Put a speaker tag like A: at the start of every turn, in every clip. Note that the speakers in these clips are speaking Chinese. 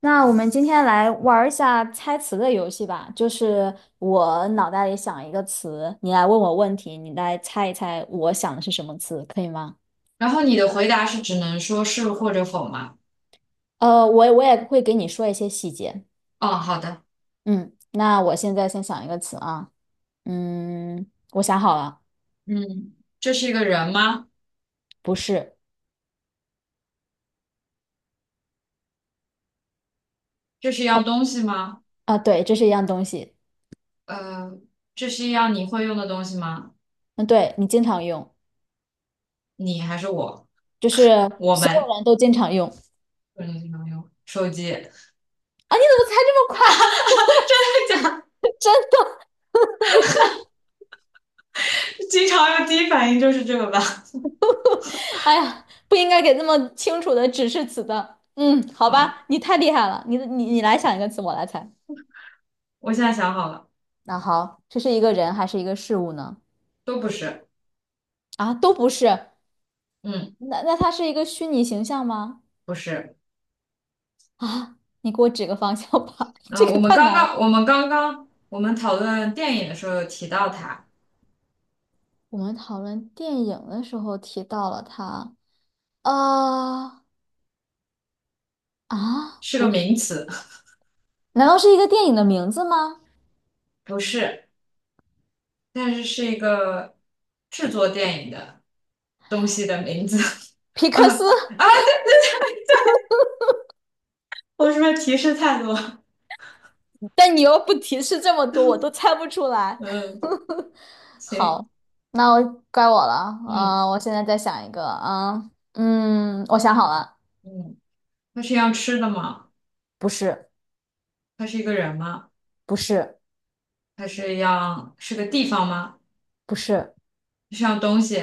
A: 那我们今天来玩儿一下猜词的游戏吧，就是我脑袋里想一个词，你来问我问题，你来猜一猜我想的是什么词，可以吗？
B: 然后你的回答是只能说是或者否吗？
A: 我也会给你说一些细节。
B: 哦，好的，
A: 嗯，那我现在先想一个词啊，嗯，我想好了，
B: 嗯，这是一个人吗？
A: 不是
B: 这是一样东西吗？
A: 啊，对，这是一样东西。
B: 呃，这是一样你会用的东西吗？
A: 嗯，对，你经常用，
B: 你还是我？
A: 就是
B: 我
A: 所
B: 们？
A: 有人都经常用
B: 我们经常用手机，真的
A: 啊，你怎么猜这么快？
B: 假的
A: 真的，你。
B: 经常用第一反应就是这个吧？
A: 哎呀，不应该给这么清楚的指示词的。嗯，好
B: 好，
A: 吧，你太厉害了，你来想一个词，我来猜。
B: 我现在想好了，
A: 那好，这是一个人还是一个事物呢？
B: 都不是，
A: 啊，都不是。
B: 嗯，
A: 那它是一个虚拟形象吗？
B: 不是，
A: 啊，你给我指个方向吧，这个太难了。
B: 我们刚刚我们讨论电影的时候有提到它，
A: 我们讨论电影的时候提到了它。呃，
B: 是个
A: 不是，
B: 名词，
A: 难道是一个电影的名字吗？
B: 不是。但是是一个制作电影的东西的名字。
A: 皮
B: 嗯
A: 克
B: 啊，
A: 斯。
B: 我是不是提示太多？
A: 但你又不提示这么多，我都猜不出来。
B: 嗯，行，
A: 好，那我怪我了。啊，
B: 嗯
A: 我现在再想一个啊，嗯，我想好了，
B: 嗯，它是要吃的吗？
A: 不是，
B: 它是一个人吗？
A: 不是，
B: 它是要是个地方吗？
A: 不是，
B: 是样东西？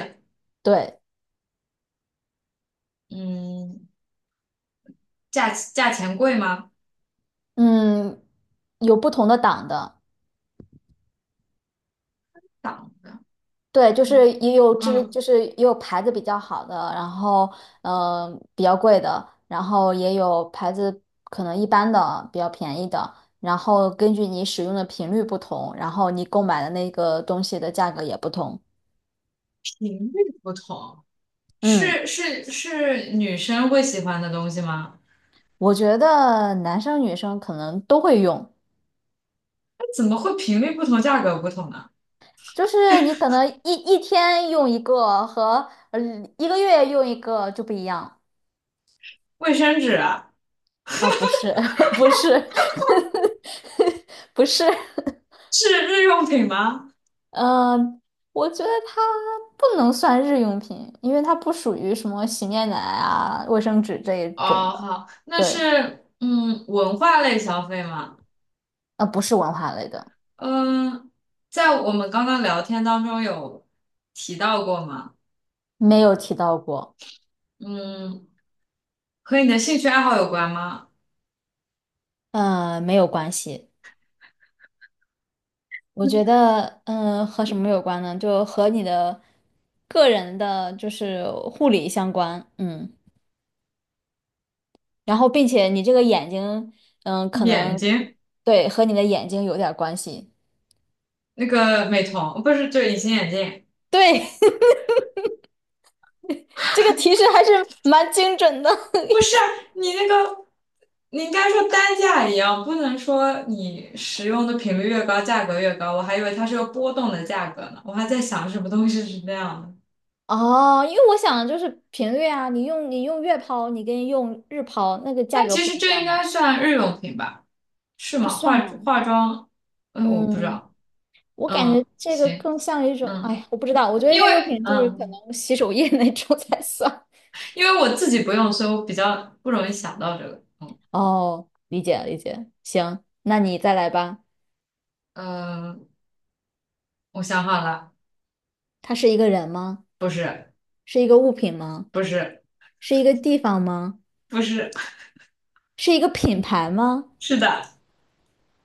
A: 对，
B: 嗯，价钱贵吗？
A: 嗯，有不同的党的，
B: 档的，
A: 对，就
B: 嗯
A: 是也有质，
B: 嗯，
A: 就是也有牌子比较好的，然后嗯、比较贵的，然后也有牌子可能一般的，比较便宜的，然后根据你使用的频率不同，然后你购买的那个东西的价格也不同。
B: 频率不同，
A: 嗯，
B: 是女生会喜欢的东西吗？
A: 我觉得男生女生可能都会用，
B: 那怎么会频率不同，价格不同呢？
A: 就是你可能一天用一个和一个月用一个就不一样
B: 卫生纸啊？
A: 啊，不是，不是，不是。
B: 是日用品吗？
A: 嗯，我觉得它不能算日用品，因为它不属于什么洗面奶啊、卫生纸这一种
B: 哦，
A: 的。
B: 好，那
A: 对，
B: 是文化类消费吗？
A: 不是文化类的，
B: 嗯，在我们刚刚聊天当中有提到过吗？
A: 没有提到过。
B: 嗯，和你的兴趣爱好有关吗？
A: 嗯，没有关系。我觉得，嗯，和什么有关呢？就和你的个人的，就是护理相关。嗯，然后并且你这个眼睛，嗯，可
B: 眼
A: 能
B: 睛，
A: 对和你的眼睛有点儿关系。
B: 那个美瞳，不是，就隐形眼镜，
A: 对，这个提示还是蛮精准的。
B: 不是你那个，你应该说单价一样，不能说你使用的频率越高，价格越高。我还以为它是个波动的价格呢，我还在想什么东西是那样的。
A: 哦，因为我想的就是频率啊，你用你用月抛，你跟用日抛那个价
B: 但
A: 格
B: 其
A: 不
B: 实
A: 一
B: 这
A: 样
B: 应该
A: 嘛，
B: 算日用品吧？是
A: 这
B: 吗？
A: 算
B: 化
A: 吗？
B: 化妆，嗯，我不知
A: 嗯，
B: 道。
A: 我感觉
B: 嗯，
A: 这个
B: 行，
A: 更像一种，哎
B: 嗯，
A: 呀，我不知道，我觉得
B: 因
A: 日
B: 为
A: 用品就是可
B: 嗯，
A: 能洗手液那种才算。
B: 因为我自己不用，所以我比较不容易想到这个。嗯，
A: 哦，理解理解，行，那你再来吧。
B: 呃，我想好了，
A: 它是一个人吗？
B: 不是，
A: 是一个物品吗？
B: 不是，
A: 是一个地方吗？
B: 不是，
A: 是一个品牌吗？
B: 是的。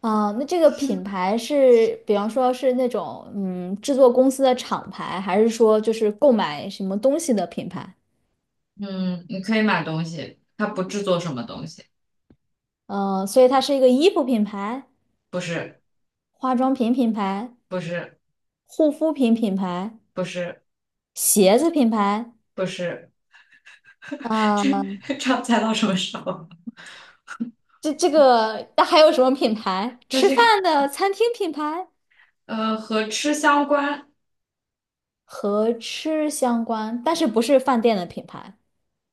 A: 啊，那这个品牌是，比方说是那种制作公司的厂牌，还是说就是购买什么东西的品牌？
B: 嗯，你可以买东西，它不制作什么东西，
A: 呃，所以它是一个衣服品牌、
B: 不是，
A: 化妆品品牌、
B: 不是，
A: 护肤品品牌、
B: 不是，
A: 鞋子品牌，
B: 不是，
A: 啊，
B: 这这要猜到什么时候？
A: 这个那还有什么品牌？
B: 它
A: 吃
B: 是
A: 饭的餐厅品牌
B: 和吃相关，
A: 和吃相关，但是不是饭店的品牌，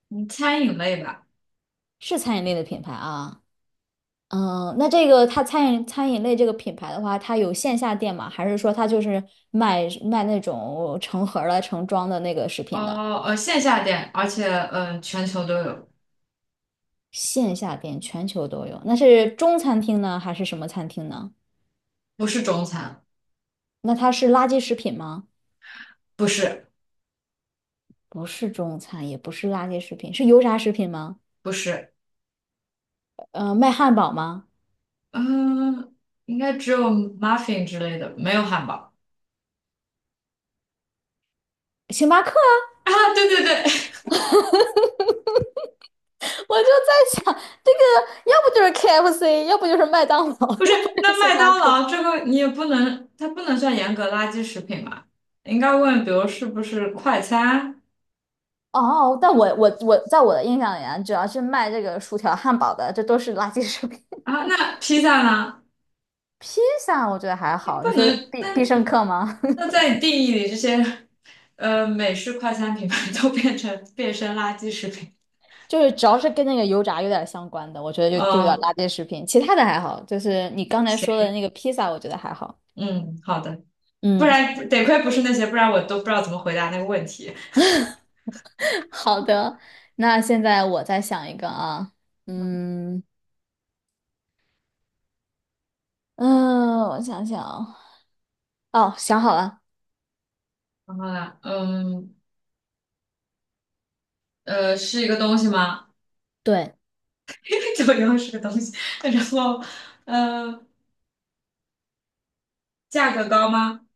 B: 嗯餐饮类吧。
A: 是餐饮类的品牌啊。嗯，那这个它餐饮类这个品牌的话，它有线下店吗？还是说它就是卖那种成盒儿的、成装的那个食品的？
B: 哦，线下店，而且全球都有，
A: 线下店全球都有，那是中餐厅呢，还是什么餐厅呢？
B: 不是中餐，
A: 那它是垃圾食品吗？
B: 不是，
A: 不是中餐，也不是垃圾食品，是油炸食品吗？
B: 不是，
A: 呃，卖汉堡吗？
B: 嗯、应该只有 muffin 之类的，没有汉堡
A: 星巴克啊
B: 啊，对对对，
A: 我就在想，这个要不就是 KFC，要不就是麦当劳，
B: 不 是，
A: 要不就
B: 那
A: 是星
B: 麦
A: 巴
B: 当
A: 克。
B: 劳这个你也不能，它不能算严格垃圾食品嘛，应该问，比如是不是快餐
A: 哦，但我在我的印象里啊，只要是卖这个薯条、汉堡的，这都是垃圾食品。
B: 啊？那披萨呢？
A: 披萨我觉得还
B: 你
A: 好，
B: 不
A: 你说是
B: 能，
A: 必必胜客吗？
B: 那在你定义里，这些美式快餐品牌都变成变身垃圾食品，
A: 就是只要是跟那个油炸有点相关的，我觉得就有点
B: 嗯、
A: 垃圾食品。其他的还好，就是你刚才说
B: 行，
A: 的那个披萨，我觉得还好。
B: 嗯，好的。不
A: 嗯，
B: 然得亏不是那些，不然我都不知道怎么回答那个问题。
A: 好的，那现在我再想一个啊，嗯嗯，我想想啊，哦，想好了，
B: 然后呢，是一个东西吗？
A: 对，
B: 九又是个东西。然后，呃，价格高吗？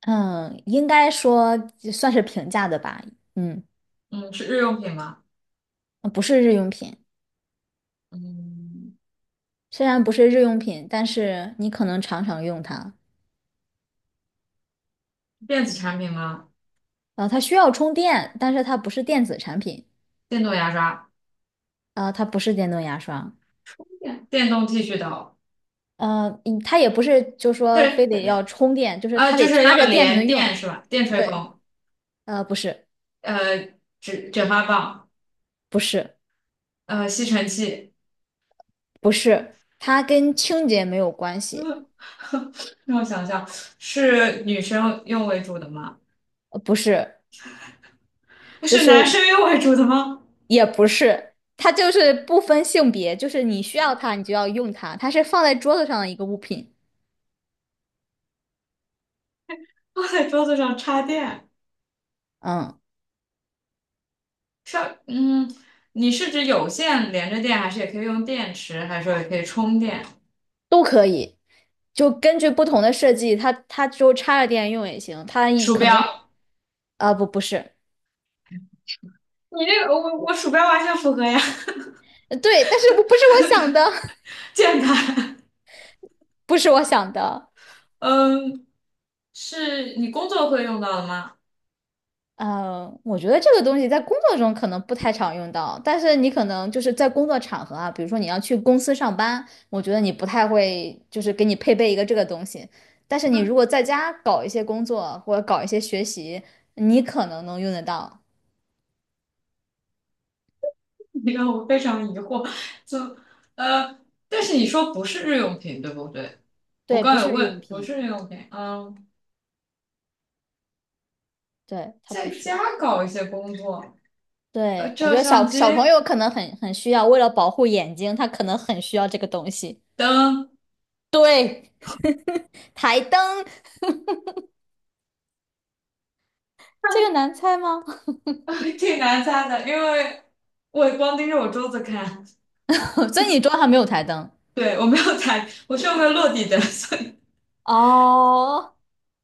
A: 嗯，应该说算是平价的吧，嗯，
B: 嗯，是日用品吗？
A: 不是日用品。
B: 嗯，
A: 虽然不是日用品，但是你可能常常用它。
B: 电子产品吗？
A: 呃，它需要充电，但是它不是电子产品。
B: 电动牙刷、
A: 啊，它不是电动牙刷。
B: 电动剃须刀，
A: 它也不是就说非
B: 对，
A: 得要充电，就是它
B: 就
A: 得
B: 是
A: 插
B: 要
A: 着电才能
B: 连电
A: 用。
B: 是吧？电吹
A: 对，
B: 风，
A: 呃，不是，
B: 呃，卷发棒，
A: 不是，
B: 吸尘器。
A: 不是，它跟清洁没有关系。
B: 让我想想，是女生用为主的吗？
A: 不是，就
B: 是男
A: 是
B: 生用为主的吗？
A: 也不是，它就是不分性别，就是你需要它，你就要用它。它是放在桌子上的一个物品。
B: 放在桌子上插电，
A: 嗯。
B: 插，嗯，你是指有线连着电，还是也可以用电池，还是说也可以充电？
A: 都可以，就根据不同的设计，它就插着电用也行，它一
B: 鼠
A: 可能有
B: 标，
A: 啊、不不是，
B: 你这个我鼠标完全符合呀，
A: 呃对，但是我不是我想的，
B: 键盘，
A: 不是我想的。
B: 嗯，是你工作会用到的吗？
A: 呃，我觉得这个东西在工作中可能不太常用到，但是你可能就是在工作场合啊，比如说你要去公司上班，我觉得你不太会就是给你配备一个这个东西。但是你如果在家搞一些工作或者搞一些学习，你可能能用得到。
B: 你让我非常疑惑，就呃，但是你说不是日用品，对不对？我
A: 对，不
B: 刚有
A: 是日用
B: 问，不
A: 品，
B: 是日用品，嗯，
A: 对，它不
B: 在
A: 是。
B: 家搞一些工作，
A: 对，我
B: 照
A: 觉得
B: 相
A: 小
B: 机、
A: 小朋友可能很需要，为了保护眼睛，他可能很需要这个东西。
B: 灯。
A: 对，台灯，这个难猜吗？
B: 挺难猜的，因为我光盯着我桌子看，
A: 所以你桌上没有台灯
B: 对，我没有猜，我是用个落地的，所以
A: 哦，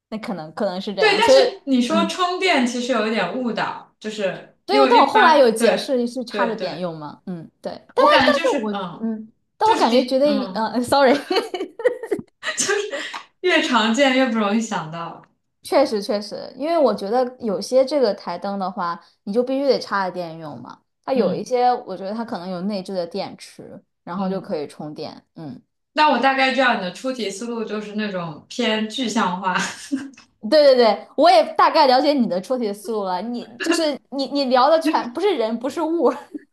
A: 那可能是这
B: 对。
A: 样，
B: 但
A: 所以
B: 是你说
A: 嗯，
B: 充电其实有一点误导，就是
A: 对，
B: 因为
A: 但我
B: 一
A: 后来
B: 般，
A: 有解
B: 对
A: 释是插
B: 对
A: 着点
B: 对，
A: 用嘛，嗯，对，但
B: 我
A: 他
B: 感觉
A: 但
B: 就
A: 是
B: 是
A: 我
B: 嗯，
A: 嗯，但
B: 就
A: 我
B: 是
A: 感觉觉
B: 第
A: 得
B: 嗯，
A: sorry，
B: 越常见越不容易想到，
A: 确实确实，因为我觉得有些这个台灯的话，你就必须得插着电用嘛。它有一
B: 嗯
A: 些，我觉得它可能有内置的电池，然后就
B: 嗯。
A: 可以充电。嗯，
B: 那我大概知道你的出题思路就是那种偏具象化，
A: 对对对，我也大概了解你的出题思路了。你就是你聊的全不是人，不是物。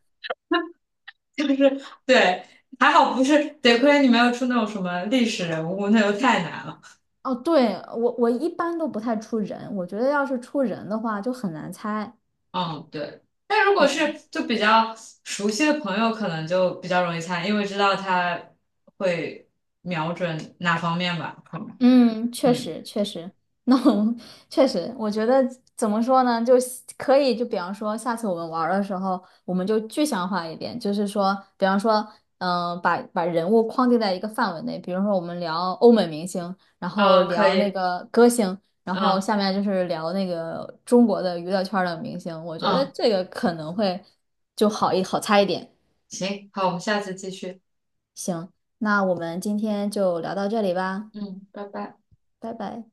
B: 就是对，还好不是，得亏你没有出那种什么历史人物，那就太难了。
A: 哦，对，我一般都不太出人，我觉得要是出人的话就很难猜。
B: 嗯，对。但如果
A: 对
B: 是就比较熟悉的朋友，可能就比较容易猜，因为知道他会瞄准哪方面吧，可能
A: 嗯，确
B: 嗯，
A: 实确实，那我们确实，我觉得怎么说呢，就希可以，就比方说，下次我们玩儿的时候，我们就具象化一点，就是说，比方说，把人物框定在一个范围内，比如说我们聊欧美明星，然后
B: 哦，可
A: 聊那
B: 以，
A: 个歌星，然后
B: 嗯
A: 下面就是聊那个中国的娱乐圈儿的明星，我觉得
B: 嗯，
A: 这个可能会就好猜一点。
B: 行，好，我们下次继续。
A: 行，那我们今天就聊到这里吧，
B: 嗯，拜拜。
A: 拜拜。